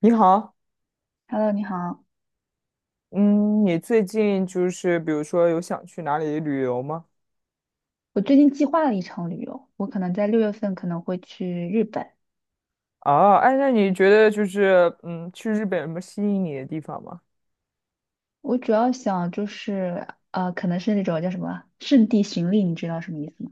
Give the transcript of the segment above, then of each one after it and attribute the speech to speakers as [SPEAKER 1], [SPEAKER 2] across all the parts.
[SPEAKER 1] 你好，
[SPEAKER 2] Hello，你好。
[SPEAKER 1] 嗯，你最近就是比如说有想去哪里旅游吗？
[SPEAKER 2] 我最近计划了一场旅游，我可能在六月份可能会去日本。
[SPEAKER 1] 啊，哎，那你觉得就是去日本有什么吸引你的地方吗？
[SPEAKER 2] 我主要想就是，可能是那种叫什么圣地巡礼，你知道什么意思吗？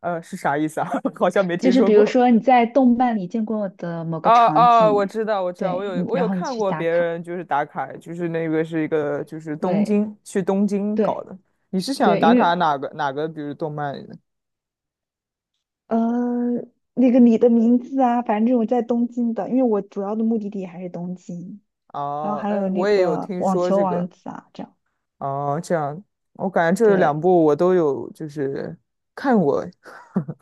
[SPEAKER 1] 是啥意思啊？好像没
[SPEAKER 2] 就
[SPEAKER 1] 听
[SPEAKER 2] 是
[SPEAKER 1] 说
[SPEAKER 2] 比如
[SPEAKER 1] 过。
[SPEAKER 2] 说你在动漫里见过的某
[SPEAKER 1] 哦
[SPEAKER 2] 个场
[SPEAKER 1] 哦，我
[SPEAKER 2] 景，
[SPEAKER 1] 知道，我知道，我
[SPEAKER 2] 对，
[SPEAKER 1] 有
[SPEAKER 2] 你
[SPEAKER 1] 我
[SPEAKER 2] 然
[SPEAKER 1] 有
[SPEAKER 2] 后你
[SPEAKER 1] 看
[SPEAKER 2] 去
[SPEAKER 1] 过
[SPEAKER 2] 打
[SPEAKER 1] 别
[SPEAKER 2] 卡，
[SPEAKER 1] 人就是打卡，就是那个是一个就是东
[SPEAKER 2] 对
[SPEAKER 1] 京去东京搞
[SPEAKER 2] 对
[SPEAKER 1] 的。你是想
[SPEAKER 2] 对，
[SPEAKER 1] 打
[SPEAKER 2] 因
[SPEAKER 1] 卡
[SPEAKER 2] 为
[SPEAKER 1] 哪个，比如动漫里的？
[SPEAKER 2] 呃，那个你的名字啊，反正这种在东京的，因为我主要的目的地还是东京，然后
[SPEAKER 1] 哦，
[SPEAKER 2] 还有
[SPEAKER 1] 哎，
[SPEAKER 2] 那
[SPEAKER 1] 我也有
[SPEAKER 2] 个
[SPEAKER 1] 听
[SPEAKER 2] 网
[SPEAKER 1] 说
[SPEAKER 2] 球
[SPEAKER 1] 这
[SPEAKER 2] 王
[SPEAKER 1] 个。
[SPEAKER 2] 子啊，这样。
[SPEAKER 1] 哦，这样，我感觉这两
[SPEAKER 2] 对，
[SPEAKER 1] 部我都有就是看过，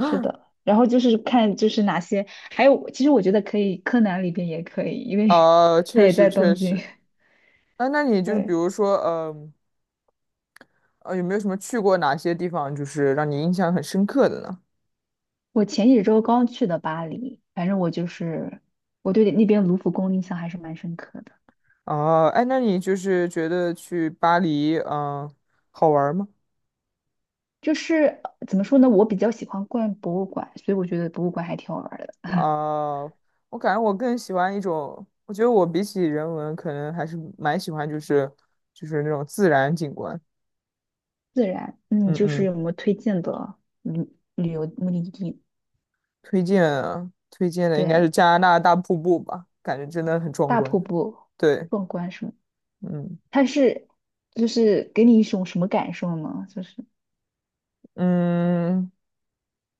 [SPEAKER 2] 是的，然后就是看就是哪些，还有其实我觉得可以，柯南里边也可以，因为 他
[SPEAKER 1] 确
[SPEAKER 2] 也
[SPEAKER 1] 实
[SPEAKER 2] 在
[SPEAKER 1] 确
[SPEAKER 2] 东京。
[SPEAKER 1] 实。啊，那你就是比
[SPEAKER 2] 对，
[SPEAKER 1] 如说，有没有什么去过哪些地方，就是让你印象很深刻的呢？
[SPEAKER 2] 我前几周刚去的巴黎，反正我就是我对那边卢浮宫印象还是蛮深刻的。
[SPEAKER 1] 哦，哎，那你就是觉得去巴黎，嗯、好玩儿吗？
[SPEAKER 2] 就是怎么说呢，我比较喜欢逛博物馆，所以我觉得博物馆还挺好玩儿的。
[SPEAKER 1] 啊、我感觉我更喜欢一种，我觉得我比起人文，可能还是蛮喜欢，就是那种自然景观。
[SPEAKER 2] 自然，嗯，
[SPEAKER 1] 嗯
[SPEAKER 2] 就是
[SPEAKER 1] 嗯，
[SPEAKER 2] 有没有推荐的旅旅游目的地？
[SPEAKER 1] 推荐啊推荐的应该是
[SPEAKER 2] 对，
[SPEAKER 1] 加拿大大瀑布吧，感觉真的很壮
[SPEAKER 2] 大瀑
[SPEAKER 1] 观。
[SPEAKER 2] 布
[SPEAKER 1] 对，
[SPEAKER 2] 壮观什么？
[SPEAKER 1] 嗯
[SPEAKER 2] 它是就是给你一种什么感受呢？就是。
[SPEAKER 1] 嗯。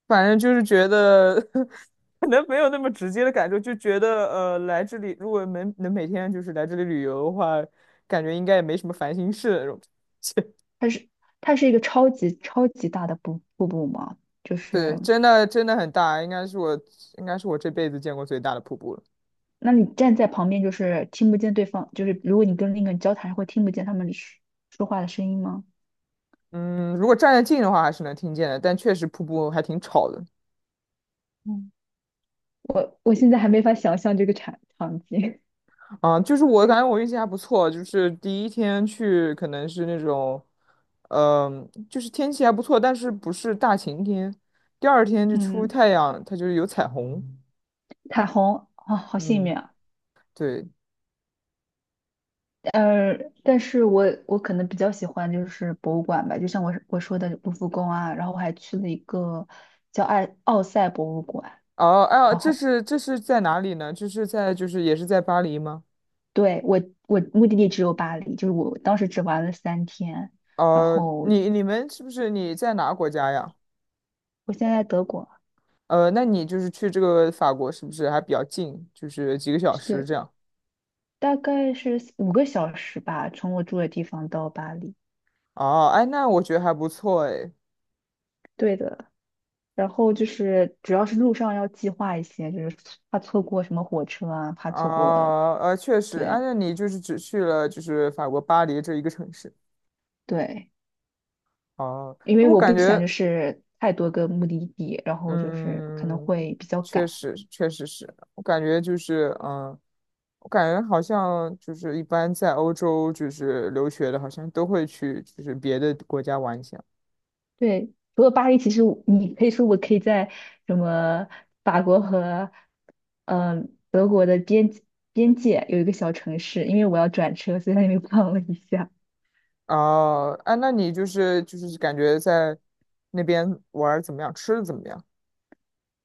[SPEAKER 1] 反正就是觉得 可能没有那么直接的感受，就觉得来这里如果能每天就是来这里旅游的话，感觉应该也没什么烦心事那种。
[SPEAKER 2] 它是它是一个超级超级大的瀑布嘛，就
[SPEAKER 1] 对，
[SPEAKER 2] 是
[SPEAKER 1] 真的很大，应该是我这辈子见过最大的瀑布了。
[SPEAKER 2] 那你站在旁边就是听不见对方，就是如果你跟另一个人交谈，会听不见他们说话的声音吗？
[SPEAKER 1] 嗯，如果站得近的话还是能听见的，但确实瀑布还挺吵的。
[SPEAKER 2] 嗯，我现在还没法想象这个场景。
[SPEAKER 1] 啊，就是我感觉我运气还不错，就是第一天去可能是那种，嗯、就是天气还不错，但是不是大晴天。第二天 就出
[SPEAKER 2] 嗯，
[SPEAKER 1] 太阳，它就是有彩虹。
[SPEAKER 2] 彩虹啊，好幸
[SPEAKER 1] 嗯，
[SPEAKER 2] 运啊。
[SPEAKER 1] 对。
[SPEAKER 2] 呃，但是我可能比较喜欢就是博物馆吧，就像我说的卢浮宫啊，然后我还去了一个叫爱奥赛博物馆。
[SPEAKER 1] 哦，哎呀，
[SPEAKER 2] 然
[SPEAKER 1] 这
[SPEAKER 2] 后。
[SPEAKER 1] 是这是在哪里呢？这是在就是也是在巴黎吗？
[SPEAKER 2] 对，我目的地只有巴黎，就是我当时只玩了三天，然后
[SPEAKER 1] 你们是不是你在哪个国家呀？
[SPEAKER 2] 我现在在德国，
[SPEAKER 1] 那你就是去这个法国是不是还比较近？就是几个小时
[SPEAKER 2] 对，
[SPEAKER 1] 这样。
[SPEAKER 2] 大概是五个小时吧，从我住的地方到巴黎。
[SPEAKER 1] 哦，哎，那我觉得还不错哎。
[SPEAKER 2] 对的，然后就是主要是路上要计划一些，就是怕错过什么火车啊，怕错过，
[SPEAKER 1] 啊，确实，按
[SPEAKER 2] 对
[SPEAKER 1] 照你就是只去了就是法国巴黎这一个城市
[SPEAKER 2] 对，
[SPEAKER 1] 哦。
[SPEAKER 2] 因为
[SPEAKER 1] 我
[SPEAKER 2] 我
[SPEAKER 1] 感
[SPEAKER 2] 不想就
[SPEAKER 1] 觉，
[SPEAKER 2] 是太多个目的地，然后就是可能
[SPEAKER 1] 嗯，
[SPEAKER 2] 会比较
[SPEAKER 1] 确
[SPEAKER 2] 赶。
[SPEAKER 1] 实，确实是，我感觉就是，嗯，我感觉好像就是一般在欧洲就是留学的，好像都会去就是别的国家玩一下
[SPEAKER 2] 对，除了巴黎，其实我可以在什么法国和德国的边界有一个小城市，因为我要转车，所以在那边逛了一下。
[SPEAKER 1] 哦，啊，那你就是就是感觉在那边玩儿怎么样，吃的怎么样？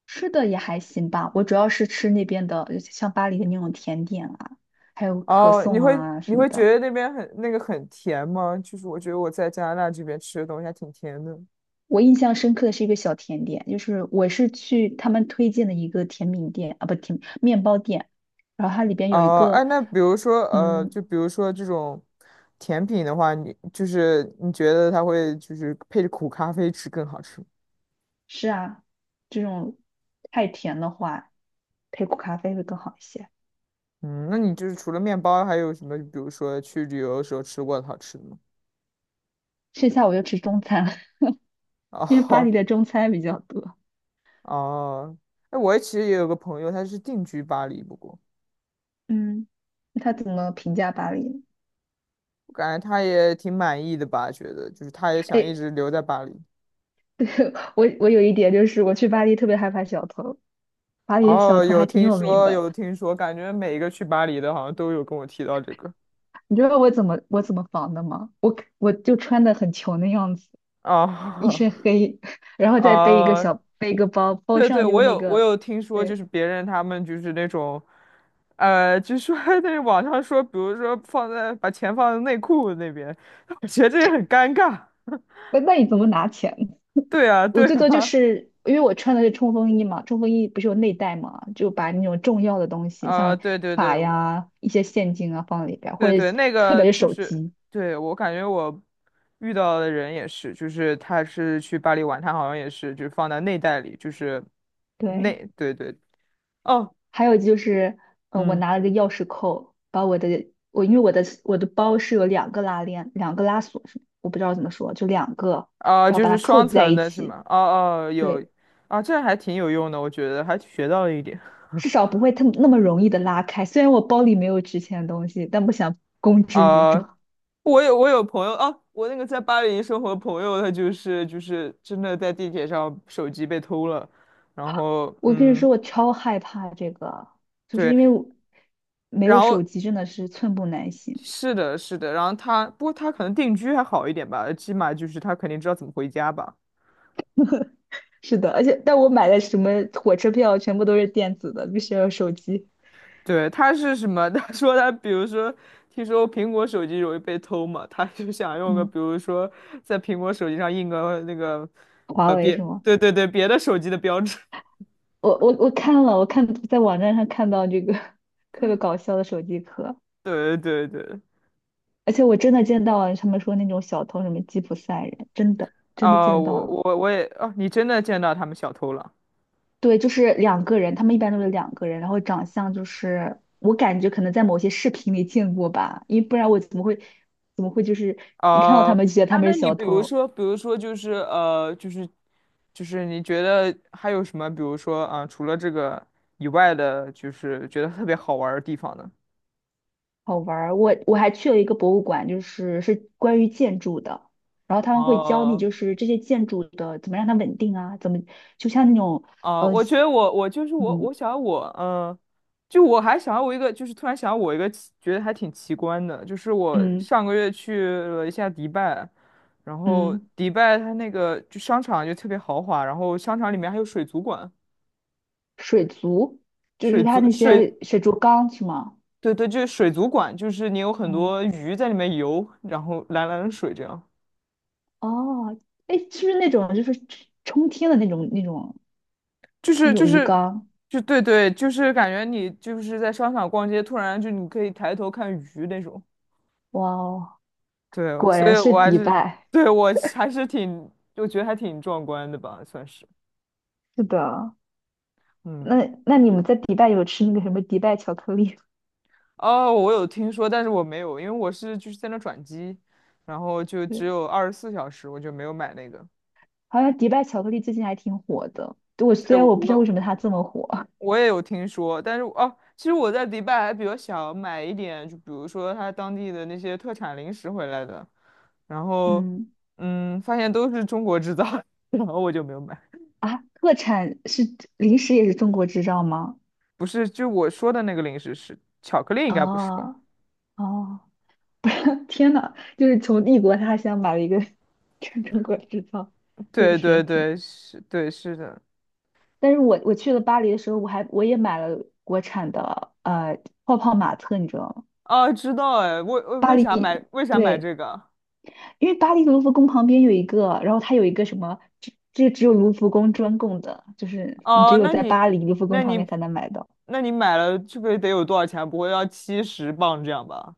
[SPEAKER 2] 吃的也还行吧，我主要是吃那边的，像巴黎的那种甜点啊，还有可
[SPEAKER 1] 哦，你
[SPEAKER 2] 颂
[SPEAKER 1] 会
[SPEAKER 2] 啊
[SPEAKER 1] 你
[SPEAKER 2] 什么
[SPEAKER 1] 会觉
[SPEAKER 2] 的。
[SPEAKER 1] 得那边很那个很甜吗？就是我觉得我在加拿大这边吃的东西还挺甜的。
[SPEAKER 2] 我印象深刻的是一个小甜点，就是我是去他们推荐的一个甜品店啊，不甜面包店，然后它里边有一
[SPEAKER 1] 哦，哎，
[SPEAKER 2] 个
[SPEAKER 1] 那比如说
[SPEAKER 2] 嗯
[SPEAKER 1] 就比如说这种甜品的话，你就是你觉得它会就是配着苦咖啡吃更好吃吗
[SPEAKER 2] 是啊，这种太甜的话，配苦咖啡会更好一些。
[SPEAKER 1] 嗯，那你就是除了面包，还有什么？比如说去旅游的时候吃过的好吃的吗？
[SPEAKER 2] 剩下我就吃中餐了，因为巴黎
[SPEAKER 1] 哦
[SPEAKER 2] 的中餐比较多。
[SPEAKER 1] 哦，哎，我其实也有个朋友，他是定居巴黎，不过
[SPEAKER 2] 嗯，那他怎么评价巴黎呢？
[SPEAKER 1] 我感觉他也挺满意的吧，觉得就是他也想一
[SPEAKER 2] 哎，
[SPEAKER 1] 直留在巴黎。
[SPEAKER 2] 我有一点就是我去巴黎特别害怕小偷，巴黎的小
[SPEAKER 1] 哦，
[SPEAKER 2] 偷
[SPEAKER 1] 有
[SPEAKER 2] 还挺
[SPEAKER 1] 听
[SPEAKER 2] 有名
[SPEAKER 1] 说，
[SPEAKER 2] 的。
[SPEAKER 1] 有听说，感觉每一个去巴黎的，好像都有跟我提到这个。
[SPEAKER 2] 你知道我怎么防的吗？我就穿的很穷的样子，一
[SPEAKER 1] 啊
[SPEAKER 2] 身黑，然后再背一个
[SPEAKER 1] 啊，
[SPEAKER 2] 小背一个包，包
[SPEAKER 1] 对对，
[SPEAKER 2] 上就
[SPEAKER 1] 我
[SPEAKER 2] 是那
[SPEAKER 1] 有我
[SPEAKER 2] 个，
[SPEAKER 1] 有听说，就
[SPEAKER 2] 对，
[SPEAKER 1] 是别人他们就是那种，就说 那网上说，比如说放在把钱放在内裤那边，我觉得这也很尴尬。
[SPEAKER 2] 那那你怎么拿钱
[SPEAKER 1] 对啊，
[SPEAKER 2] 我
[SPEAKER 1] 对
[SPEAKER 2] 最多就
[SPEAKER 1] 啊，
[SPEAKER 2] 是因为我穿的是冲锋衣嘛，冲锋衣不是有内袋嘛，就把那种重要的东 西，
[SPEAKER 1] 啊，
[SPEAKER 2] 像
[SPEAKER 1] 对对对，
[SPEAKER 2] 卡呀、一些现金啊放里边儿，或
[SPEAKER 1] 对
[SPEAKER 2] 者
[SPEAKER 1] 对，那
[SPEAKER 2] 特
[SPEAKER 1] 个
[SPEAKER 2] 别是
[SPEAKER 1] 就
[SPEAKER 2] 手
[SPEAKER 1] 是，
[SPEAKER 2] 机。
[SPEAKER 1] 对，我感觉我遇到的人也是，就是他是去巴黎玩，他好像也是，就是放在内袋里，就是
[SPEAKER 2] 对，
[SPEAKER 1] 内，对对，哦，
[SPEAKER 2] 还有就是，嗯，我
[SPEAKER 1] 嗯，
[SPEAKER 2] 拿了个钥匙扣，把我因为我的包是有两个拉链，两个拉锁是，我不知道怎么说，就两个，
[SPEAKER 1] 啊、
[SPEAKER 2] 然后
[SPEAKER 1] 就
[SPEAKER 2] 把
[SPEAKER 1] 是
[SPEAKER 2] 它扣
[SPEAKER 1] 双
[SPEAKER 2] 在
[SPEAKER 1] 层
[SPEAKER 2] 一
[SPEAKER 1] 的是
[SPEAKER 2] 起。
[SPEAKER 1] 吗？哦哦，有，
[SPEAKER 2] 对，
[SPEAKER 1] 啊，这还挺有用的，我觉得还学到了一点。
[SPEAKER 2] 至少不会特那么容易的拉开。虽然我包里没有值钱的东西，但不想公之于众。
[SPEAKER 1] 啊、我有朋友啊，我那个在巴黎生活的朋友，他就是真的在地铁上手机被偷了，然后
[SPEAKER 2] 我跟你说，我超害怕这个，就是
[SPEAKER 1] 对。
[SPEAKER 2] 因为我没
[SPEAKER 1] 然
[SPEAKER 2] 有手
[SPEAKER 1] 后
[SPEAKER 2] 机，真的是寸步难行。
[SPEAKER 1] 是的，是的，然后他，不过他可能定居还好一点吧，起码就是他肯定知道怎么回家吧。
[SPEAKER 2] 是的，而且但我买的什么火车票全部都是电子的，必须要有手机。
[SPEAKER 1] 对，他是什么？他说他，比如说，听说苹果手机容易被偷嘛，他就想用个，
[SPEAKER 2] 嗯，
[SPEAKER 1] 比如说，在苹果手机上印个那个，
[SPEAKER 2] 华
[SPEAKER 1] 呃，
[SPEAKER 2] 为
[SPEAKER 1] 别，
[SPEAKER 2] 是吗？
[SPEAKER 1] 对对对，别的手机的标志。
[SPEAKER 2] 我看了，我看在网站上看到这个 特别搞笑的手机壳，
[SPEAKER 1] 对对对，
[SPEAKER 2] 而且我真的见到了他们说那种小偷什么吉普赛人，真的真的
[SPEAKER 1] 啊、
[SPEAKER 2] 见到
[SPEAKER 1] 我
[SPEAKER 2] 了。
[SPEAKER 1] 我我也，哦、你真的见到他们小偷了。
[SPEAKER 2] 对，就是两个人，他们一般都是两个人，然后长相就是我感觉可能在某些视频里见过吧，因为不然我怎么会就是一看到他
[SPEAKER 1] 哦，
[SPEAKER 2] 们就觉得他
[SPEAKER 1] 哎，
[SPEAKER 2] 们
[SPEAKER 1] 那
[SPEAKER 2] 是
[SPEAKER 1] 你
[SPEAKER 2] 小
[SPEAKER 1] 比如
[SPEAKER 2] 偷，
[SPEAKER 1] 说，比如说，就是你觉得还有什么，比如说啊、除了这个以外的，就是觉得特别好玩儿的地方呢？
[SPEAKER 2] 好玩儿。我还去了一个博物馆，就是是关于建筑的，然后他们会教你
[SPEAKER 1] 哦
[SPEAKER 2] 就是这些建筑的怎么让它稳定啊，怎么就像那种
[SPEAKER 1] 哦，我
[SPEAKER 2] 嗯
[SPEAKER 1] 想我就我还想我一个，就是突然想我一个奇，觉得还挺奇观的，就是我
[SPEAKER 2] 嗯
[SPEAKER 1] 上个月去了一下迪拜，然后
[SPEAKER 2] 嗯
[SPEAKER 1] 迪拜它那个就商场就特别豪华，然后商场里面还有水族馆。
[SPEAKER 2] 水族，就
[SPEAKER 1] 水
[SPEAKER 2] 是它
[SPEAKER 1] 族
[SPEAKER 2] 那
[SPEAKER 1] 水
[SPEAKER 2] 些水族缸是吗？
[SPEAKER 1] 对对，就是水族馆，就是你有很
[SPEAKER 2] 嗯
[SPEAKER 1] 多鱼在里面游，然后蓝蓝的水这样，
[SPEAKER 2] 哦，哎，是不是那种就是冲天的那种那种？
[SPEAKER 1] 就
[SPEAKER 2] 那
[SPEAKER 1] 是就
[SPEAKER 2] 种鱼
[SPEAKER 1] 是
[SPEAKER 2] 缸，
[SPEAKER 1] 就对对，就是感觉你就是在商场逛街，突然就你可以抬头看鱼那种。
[SPEAKER 2] 哇哦，
[SPEAKER 1] 对，
[SPEAKER 2] 果
[SPEAKER 1] 所
[SPEAKER 2] 然
[SPEAKER 1] 以
[SPEAKER 2] 是
[SPEAKER 1] 我还
[SPEAKER 2] 迪
[SPEAKER 1] 是
[SPEAKER 2] 拜。
[SPEAKER 1] 对我还是挺，我觉得还挺壮观的吧，算是。
[SPEAKER 2] 是的，
[SPEAKER 1] 嗯，
[SPEAKER 2] 那那你们在迪拜有吃那个什么迪拜巧克力吗？
[SPEAKER 1] 哦，我有听说，但是我没有，因为我是就是在那转机，然后就只
[SPEAKER 2] 对，
[SPEAKER 1] 有24小时，我就没有买那个。
[SPEAKER 2] 好像迪拜巧克力最近还挺火的。对我
[SPEAKER 1] 对，
[SPEAKER 2] 虽然我不知道为
[SPEAKER 1] 我
[SPEAKER 2] 什么它这么火，
[SPEAKER 1] 我也有听说，但是哦，其实我在迪拜还比较想买一点，就比如说他当地的那些特产零食回来的，然 后
[SPEAKER 2] 嗯
[SPEAKER 1] 发现都是中国制造的 然后我就没有买。
[SPEAKER 2] 啊，特产是零食也是中国制造吗？
[SPEAKER 1] 不是，就我说的那个零食是巧克力，应该不是吧？
[SPEAKER 2] 哦哦，不是，天呐，就是从异国他乡买了一个 中国制造，确
[SPEAKER 1] 对
[SPEAKER 2] 实
[SPEAKER 1] 对
[SPEAKER 2] 挺。
[SPEAKER 1] 对，是，对是的。
[SPEAKER 2] 但是我去了巴黎的时候，我也买了国产的泡泡玛特，你知道吗？
[SPEAKER 1] 哦，知道哎，
[SPEAKER 2] 巴
[SPEAKER 1] 为啥
[SPEAKER 2] 黎，
[SPEAKER 1] 买为啥买
[SPEAKER 2] 对，
[SPEAKER 1] 这个？
[SPEAKER 2] 因为巴黎卢浮宫旁边有一个，然后它有一个什么，这只有卢浮宫专供的，就是你只
[SPEAKER 1] 哦，
[SPEAKER 2] 有在巴黎卢浮宫
[SPEAKER 1] 那
[SPEAKER 2] 旁
[SPEAKER 1] 你
[SPEAKER 2] 边才能买到。
[SPEAKER 1] 那你买了，这个得有多少钱？不会要70磅这样吧？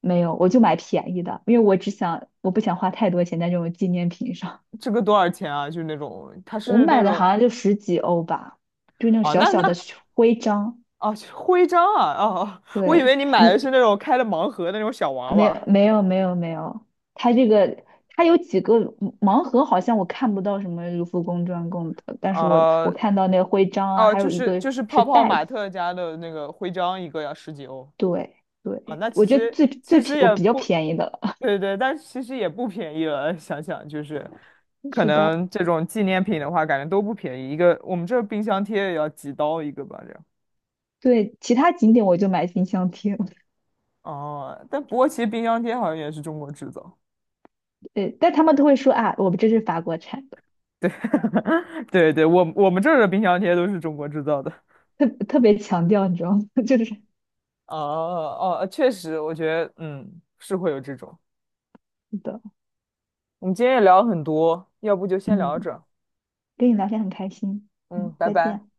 [SPEAKER 2] 没有，我就买便宜的，因为我不想花太多钱在这种纪念品上。
[SPEAKER 1] 这个多少钱啊？就是那种，它
[SPEAKER 2] 我
[SPEAKER 1] 是那
[SPEAKER 2] 买的好
[SPEAKER 1] 种，
[SPEAKER 2] 像就十几欧吧，就那种
[SPEAKER 1] 啊，
[SPEAKER 2] 小
[SPEAKER 1] 那
[SPEAKER 2] 小的
[SPEAKER 1] 那
[SPEAKER 2] 徽章。
[SPEAKER 1] 啊徽章啊，哦，我以为
[SPEAKER 2] 对
[SPEAKER 1] 你买的是
[SPEAKER 2] 你，
[SPEAKER 1] 那种开了盲盒的那种小娃
[SPEAKER 2] 没有
[SPEAKER 1] 娃，
[SPEAKER 2] 没有没有没有，它这个它有几个盲盒，好像我看不到什么卢浮宫专供的，但是我
[SPEAKER 1] 啊
[SPEAKER 2] 我看到那个徽章啊，
[SPEAKER 1] 哦，
[SPEAKER 2] 还
[SPEAKER 1] 就
[SPEAKER 2] 有一
[SPEAKER 1] 是
[SPEAKER 2] 个
[SPEAKER 1] 就是
[SPEAKER 2] 是
[SPEAKER 1] 泡泡
[SPEAKER 2] 袋子，
[SPEAKER 1] 玛特家的那个徽章，一个要十几欧，
[SPEAKER 2] 对
[SPEAKER 1] 啊、
[SPEAKER 2] 对，
[SPEAKER 1] 那
[SPEAKER 2] 我
[SPEAKER 1] 其
[SPEAKER 2] 觉得
[SPEAKER 1] 实
[SPEAKER 2] 最最
[SPEAKER 1] 其
[SPEAKER 2] 便
[SPEAKER 1] 实
[SPEAKER 2] 我
[SPEAKER 1] 也
[SPEAKER 2] 比较
[SPEAKER 1] 不，
[SPEAKER 2] 便宜的了，
[SPEAKER 1] 对对，但是其实也不便宜了，想想就是，可
[SPEAKER 2] 是的，
[SPEAKER 1] 能这种纪念品的话，感觉都不便宜，一个我们这冰箱贴也要几刀一个吧，这样。
[SPEAKER 2] 对，其他景点我就买冰箱贴，
[SPEAKER 1] 哦，但不过其实冰箱贴好像也是中国制造。
[SPEAKER 2] 呃，但他们都会说啊，我们这是法国产的，
[SPEAKER 1] 对对，我们这儿的冰箱贴都是中国制造的。
[SPEAKER 2] 特别强调，你知道吗？就是是
[SPEAKER 1] 哦哦，确实，我觉得嗯是会有这种。
[SPEAKER 2] 的，
[SPEAKER 1] 我们今天也聊了很多，要不就先聊到
[SPEAKER 2] 嗯，
[SPEAKER 1] 这儿。
[SPEAKER 2] 跟你聊天很开心，
[SPEAKER 1] 嗯，
[SPEAKER 2] 嗯，
[SPEAKER 1] 拜
[SPEAKER 2] 再
[SPEAKER 1] 拜。
[SPEAKER 2] 见。